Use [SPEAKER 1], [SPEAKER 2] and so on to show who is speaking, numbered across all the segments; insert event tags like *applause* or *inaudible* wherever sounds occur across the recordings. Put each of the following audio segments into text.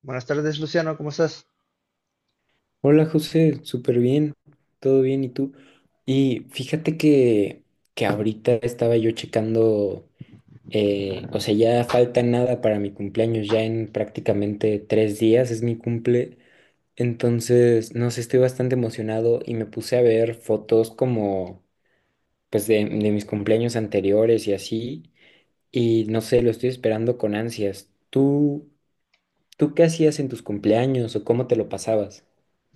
[SPEAKER 1] Buenas tardes, Luciano, ¿cómo estás?
[SPEAKER 2] Hola José, súper bien, todo bien, ¿y tú? Y fíjate que ahorita estaba yo checando, o sea, ya falta nada para mi cumpleaños, ya en prácticamente 3 días es mi cumple. Entonces, no sé, estoy bastante emocionado y me puse a ver fotos como, pues, de mis cumpleaños anteriores y así, y no sé, lo estoy esperando con ansias. ¿Tú qué hacías en tus cumpleaños o cómo te lo pasabas?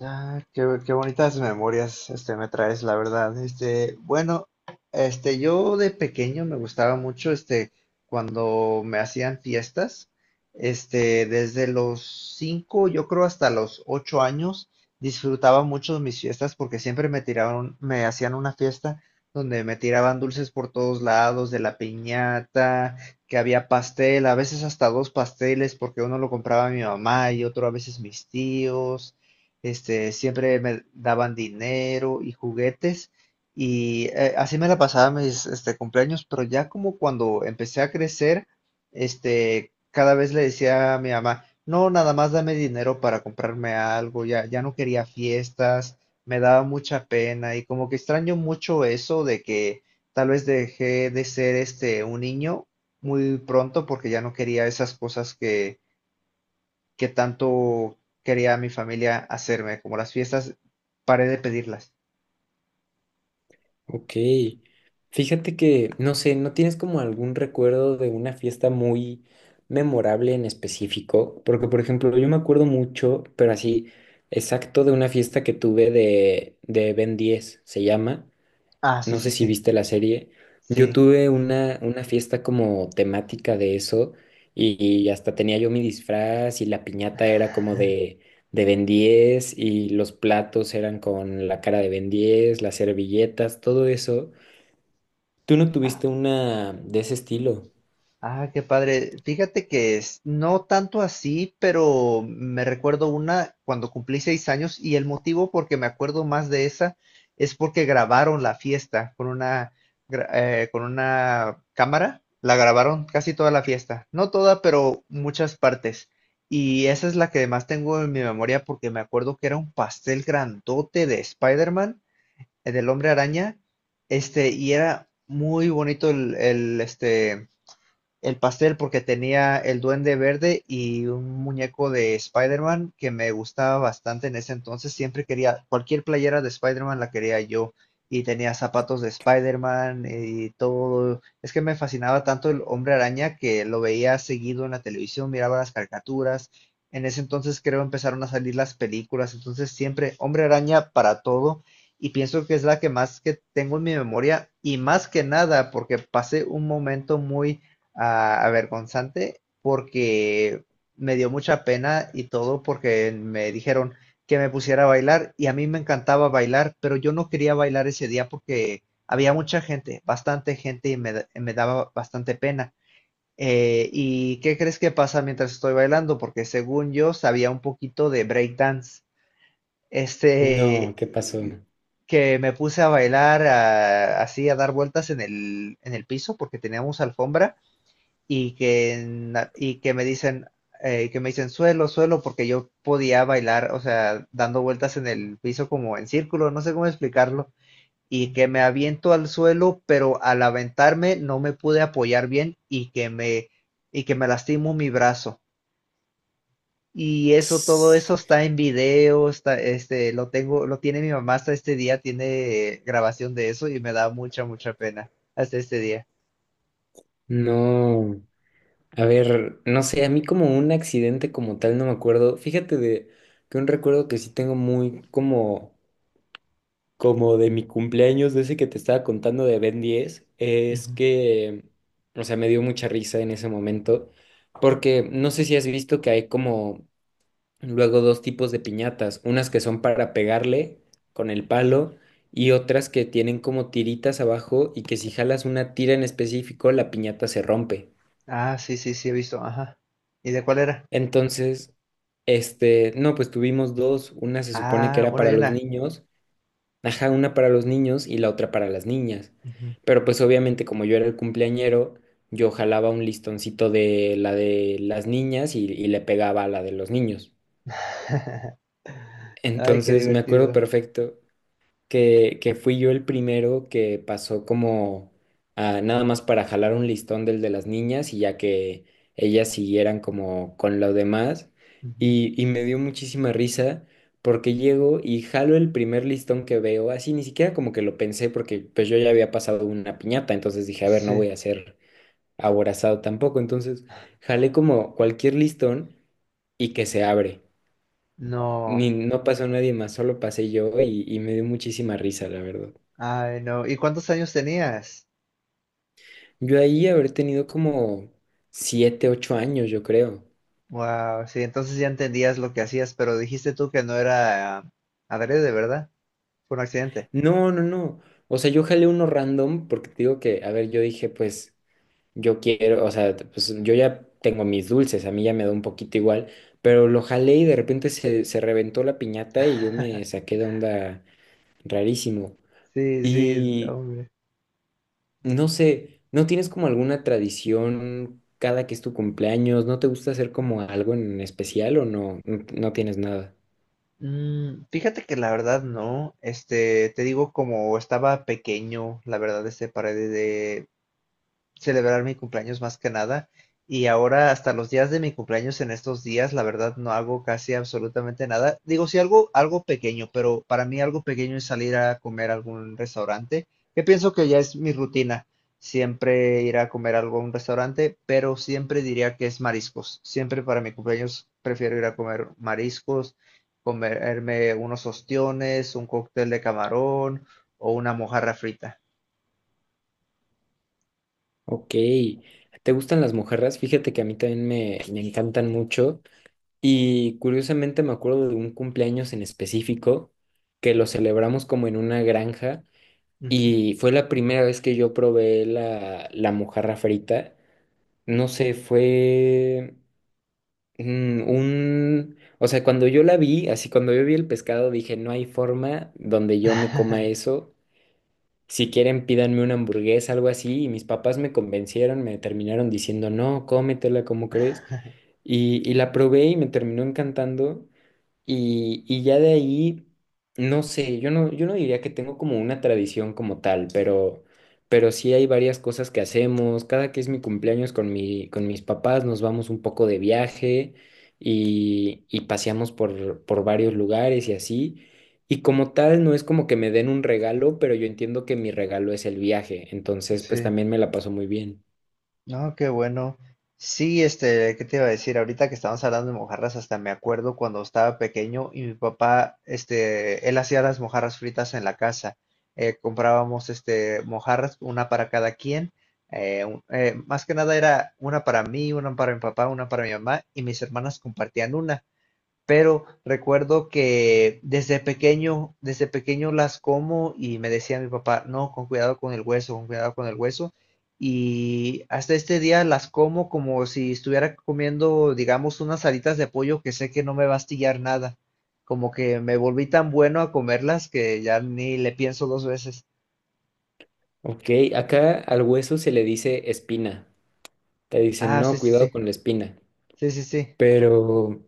[SPEAKER 1] Ah, qué bonitas memorias, me traes, la verdad. Bueno, yo de pequeño me gustaba mucho, cuando me hacían fiestas, desde los 5, yo creo hasta los 8 años, disfrutaba mucho mis fiestas porque siempre me hacían una fiesta donde me tiraban dulces por todos lados, de la piñata, que había pastel, a veces hasta dos pasteles porque uno lo compraba mi mamá y otro a veces mis tíos. Siempre me daban dinero y juguetes y así me la pasaba mis cumpleaños, pero ya como cuando empecé a crecer, cada vez le decía a mi mamá, no, nada más dame dinero para comprarme algo, ya, ya no quería fiestas, me daba mucha pena y como que extraño mucho eso de que tal vez dejé de ser un niño muy pronto porque ya no quería esas cosas que tanto quería mi familia hacerme, como las fiestas, paré de pedirlas.
[SPEAKER 2] Ok. Fíjate que, no sé, ¿no tienes como algún recuerdo de una fiesta muy memorable en específico? Porque, por ejemplo, yo me acuerdo mucho, pero así, exacto de una fiesta que tuve de Ben 10 se llama.
[SPEAKER 1] Ah, sí,
[SPEAKER 2] No sé
[SPEAKER 1] sí,
[SPEAKER 2] si
[SPEAKER 1] sí.
[SPEAKER 2] viste la serie. Yo
[SPEAKER 1] Sí.
[SPEAKER 2] tuve una fiesta como temática de eso y hasta tenía yo mi disfraz, y la piñata era como de Ben 10, y los platos eran con la cara de Ben 10, las servilletas, todo eso. ¿Tú no tuviste una de ese estilo?
[SPEAKER 1] Ah, qué padre. Fíjate que es, no tanto así, pero me recuerdo una cuando cumplí 6 años y el motivo por que me acuerdo más de esa es porque grabaron la fiesta con una cámara. La grabaron casi toda la fiesta. No toda, pero muchas partes. Y esa es la que más tengo en mi memoria porque me acuerdo que era un pastel grandote de Spider-Man, del Hombre Araña. Y era muy bonito el el pastel porque tenía el Duende Verde y un muñeco de Spider-Man que me gustaba bastante en ese entonces. Siempre quería, cualquier playera de Spider-Man la quería yo. Y tenía zapatos de Spider-Man y todo. Es que me fascinaba tanto el Hombre Araña que lo veía seguido en la televisión, miraba las caricaturas. En ese entonces creo empezaron a salir las películas. Entonces siempre Hombre Araña para todo y pienso que es la que más que tengo en mi memoria y más que nada porque pasé un momento muy avergonzante porque me dio mucha pena y todo porque me dijeron que me pusiera a bailar y a mí me encantaba bailar, pero yo no quería bailar ese día porque había mucha gente, bastante gente y me daba bastante pena. ¿Y qué crees que pasa mientras estoy bailando? Porque según yo sabía un poquito de breakdance.
[SPEAKER 2] No, ¿qué pasó?
[SPEAKER 1] Este, que me puse a bailar así, a dar vueltas en el piso porque teníamos alfombra y que que me dicen suelo, suelo, porque yo podía bailar, o sea, dando vueltas en el piso como en círculo, no sé cómo explicarlo, y que me aviento al suelo, pero al aventarme no me pude apoyar bien y que me lastimo mi brazo. Y eso, todo eso
[SPEAKER 2] Tss.
[SPEAKER 1] está en video. Está, este, lo tengo, Lo tiene mi mamá hasta este día, tiene grabación de eso y me da mucha, mucha pena hasta este día.
[SPEAKER 2] No, a ver, no sé, a mí como un accidente como tal no me acuerdo. Fíjate de que un recuerdo que sí tengo muy como de mi cumpleaños, de ese que te estaba contando de Ben 10, es
[SPEAKER 1] Ujú.
[SPEAKER 2] que, o sea, me dio mucha risa en ese momento, porque no sé si has visto que hay como luego dos tipos de piñatas, unas que son para pegarle con el palo y otras que tienen como tiritas abajo y que si jalas una tira en específico, la piñata se rompe.
[SPEAKER 1] Ah, sí, sí, sí, he visto, ajá. ¿Y de cuál era?
[SPEAKER 2] Entonces, no, pues tuvimos dos, una se supone que
[SPEAKER 1] Ah,
[SPEAKER 2] era
[SPEAKER 1] una
[SPEAKER 2] para
[SPEAKER 1] y
[SPEAKER 2] los
[SPEAKER 1] una.
[SPEAKER 2] niños. Ajá, una para los niños y la otra para las niñas.
[SPEAKER 1] Ujú.
[SPEAKER 2] Pero pues obviamente como yo era el cumpleañero, yo jalaba un listoncito de la de las niñas y le pegaba a la de los niños.
[SPEAKER 1] *laughs* Ay, qué
[SPEAKER 2] Entonces me acuerdo
[SPEAKER 1] divertido.
[SPEAKER 2] perfecto que fui yo el primero que pasó como a, nada más para jalar un listón del de las niñas, y ya que ellas siguieran como con lo demás.
[SPEAKER 1] Ujú.
[SPEAKER 2] Y me dio muchísima risa porque llego y jalo el primer listón que veo, así ni siquiera como que lo pensé, porque pues yo ya había pasado una piñata. Entonces dije, a ver, no
[SPEAKER 1] Sí,
[SPEAKER 2] voy a ser aborazado tampoco. Entonces jalé como cualquier listón y que se abre.
[SPEAKER 1] no.
[SPEAKER 2] Ni, no pasó nadie más, solo pasé yo, y me dio muchísima risa, la verdad.
[SPEAKER 1] Ay, no. ¿Y cuántos años tenías?
[SPEAKER 2] Yo ahí haber tenido como siete, ocho años, yo creo.
[SPEAKER 1] Wow, sí, entonces ya entendías lo que hacías, pero dijiste tú que no era adrede, ¿verdad? Fue un accidente.
[SPEAKER 2] No, no, no. O sea, yo jalé uno random porque te digo que, a ver, yo dije, pues, yo quiero, o sea, pues yo ya tengo mis dulces, a mí ya me da un poquito igual, pero lo jalé y de repente se reventó la piñata y yo me
[SPEAKER 1] *laughs*
[SPEAKER 2] saqué de onda rarísimo.
[SPEAKER 1] Sí, sí,
[SPEAKER 2] Y
[SPEAKER 1] hombre.
[SPEAKER 2] no sé, ¿no tienes como alguna tradición cada que es tu cumpleaños? ¿No te gusta hacer como algo en especial o no? No, no tienes nada.
[SPEAKER 1] Fíjate que la verdad no, te digo como estaba pequeño, la verdad, este pared celebrar mi cumpleaños más que nada. Y ahora hasta los días de mi cumpleaños en estos días, la verdad no hago casi absolutamente nada. Digo, sí algo, algo pequeño, pero para mí algo pequeño es salir a comer a algún restaurante, que pienso que ya es mi rutina. Siempre ir a comer algo a un restaurante, pero siempre diría que es mariscos. Siempre para mi cumpleaños prefiero ir a comer mariscos, comerme unos ostiones, un cóctel de camarón o una mojarra frita.
[SPEAKER 2] Ok, ¿te gustan las mojarras? Fíjate que a mí también me encantan mucho, y curiosamente me acuerdo de un cumpleaños en específico que lo celebramos como en una granja,
[SPEAKER 1] Ujú.
[SPEAKER 2] y fue la primera vez que yo probé la mojarra frita. No sé, fue, o sea, cuando yo la vi, así cuando yo vi el pescado dije, no hay forma donde yo me coma eso. Si quieren, pídanme una hamburguesa, algo así. Y mis papás me convencieron, me terminaron diciendo, no, cómetela, ¿cómo crees?
[SPEAKER 1] *laughs*
[SPEAKER 2] Y la probé y me terminó encantando. Y ya de ahí, no sé, yo no diría que tengo como una tradición como tal, pero sí hay varias cosas que hacemos. Cada que es mi cumpleaños con mis papás, nos vamos un poco de viaje, y paseamos por varios lugares y así. Y como tal, no es como que me den un regalo, pero yo entiendo que mi regalo es el viaje. Entonces, pues
[SPEAKER 1] Sí,
[SPEAKER 2] también me la paso muy bien.
[SPEAKER 1] no, qué bueno. Sí, ¿qué te iba a decir? Ahorita que estamos hablando de mojarras, hasta me acuerdo cuando estaba pequeño y mi papá, él hacía las mojarras fritas en la casa. Comprábamos, mojarras, una para cada quien. Más que nada era una para mí, una para mi papá, una para mi mamá y mis hermanas compartían una pero recuerdo que desde pequeño las como y me decía mi papá, no, con cuidado con el hueso, con cuidado con el hueso. Y hasta este día las como como si estuviera comiendo, digamos, unas alitas de pollo que sé que no me va a astillar nada. Como que me volví tan bueno a comerlas que ya ni le pienso dos veces.
[SPEAKER 2] Ok, acá al hueso se le dice espina. Te dicen,
[SPEAKER 1] Ah, sí,
[SPEAKER 2] no,
[SPEAKER 1] sí,
[SPEAKER 2] cuidado
[SPEAKER 1] sí,
[SPEAKER 2] con la espina.
[SPEAKER 1] sí, sí, sí.
[SPEAKER 2] Pero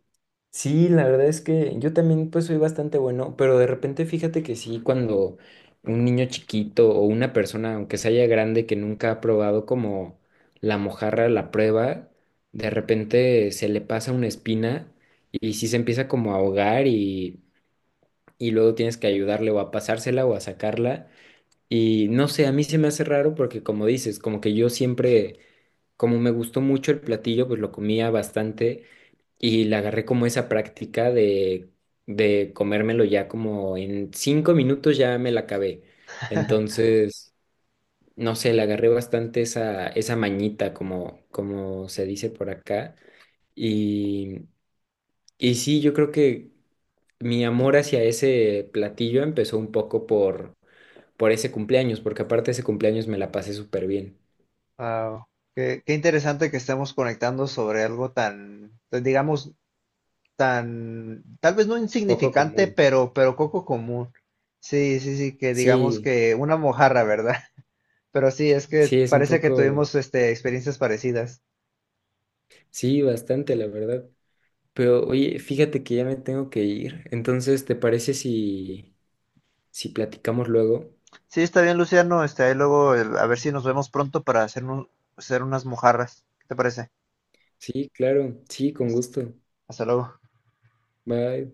[SPEAKER 2] sí, la verdad es que yo también pues soy bastante bueno, pero de repente fíjate que sí, cuando un niño chiquito o una persona, aunque sea ya grande, que nunca ha probado como la mojarra, la prueba, de repente se le pasa una espina y sí se empieza como a ahogar, y luego tienes que ayudarle o a pasársela o a sacarla. Y no sé, a mí se me hace raro porque como dices, como que yo siempre, como me gustó mucho el platillo, pues lo comía bastante. Y le agarré como esa práctica de comérmelo ya como en 5 minutos, ya me la acabé.
[SPEAKER 1] *laughs*
[SPEAKER 2] Entonces, no sé, le agarré bastante esa mañita, como se dice por acá. Y, y sí, yo creo que mi amor hacia ese platillo empezó un poco por ese cumpleaños, porque aparte ese cumpleaños me la pasé súper bien.
[SPEAKER 1] Wow. Qué interesante que estemos conectando sobre algo tan, tan, digamos, tan, tal vez no
[SPEAKER 2] Poco
[SPEAKER 1] insignificante,
[SPEAKER 2] común.
[SPEAKER 1] pero poco común. Sí, sí, sí, que digamos
[SPEAKER 2] Sí,
[SPEAKER 1] que una mojarra, ¿verdad? *laughs* Pero sí, es que
[SPEAKER 2] sí, es un
[SPEAKER 1] parece que
[SPEAKER 2] poco,
[SPEAKER 1] tuvimos experiencias parecidas.
[SPEAKER 2] sí, bastante, la verdad. Pero oye, fíjate que ya me tengo que ir. Entonces, ¿te parece si, platicamos luego?
[SPEAKER 1] Sí, está bien, Luciano. Ahí luego, a ver si nos vemos pronto para hacer unas mojarras. ¿Qué te parece?
[SPEAKER 2] Sí, claro, sí, con
[SPEAKER 1] Hasta
[SPEAKER 2] gusto.
[SPEAKER 1] hasta luego.
[SPEAKER 2] Bye.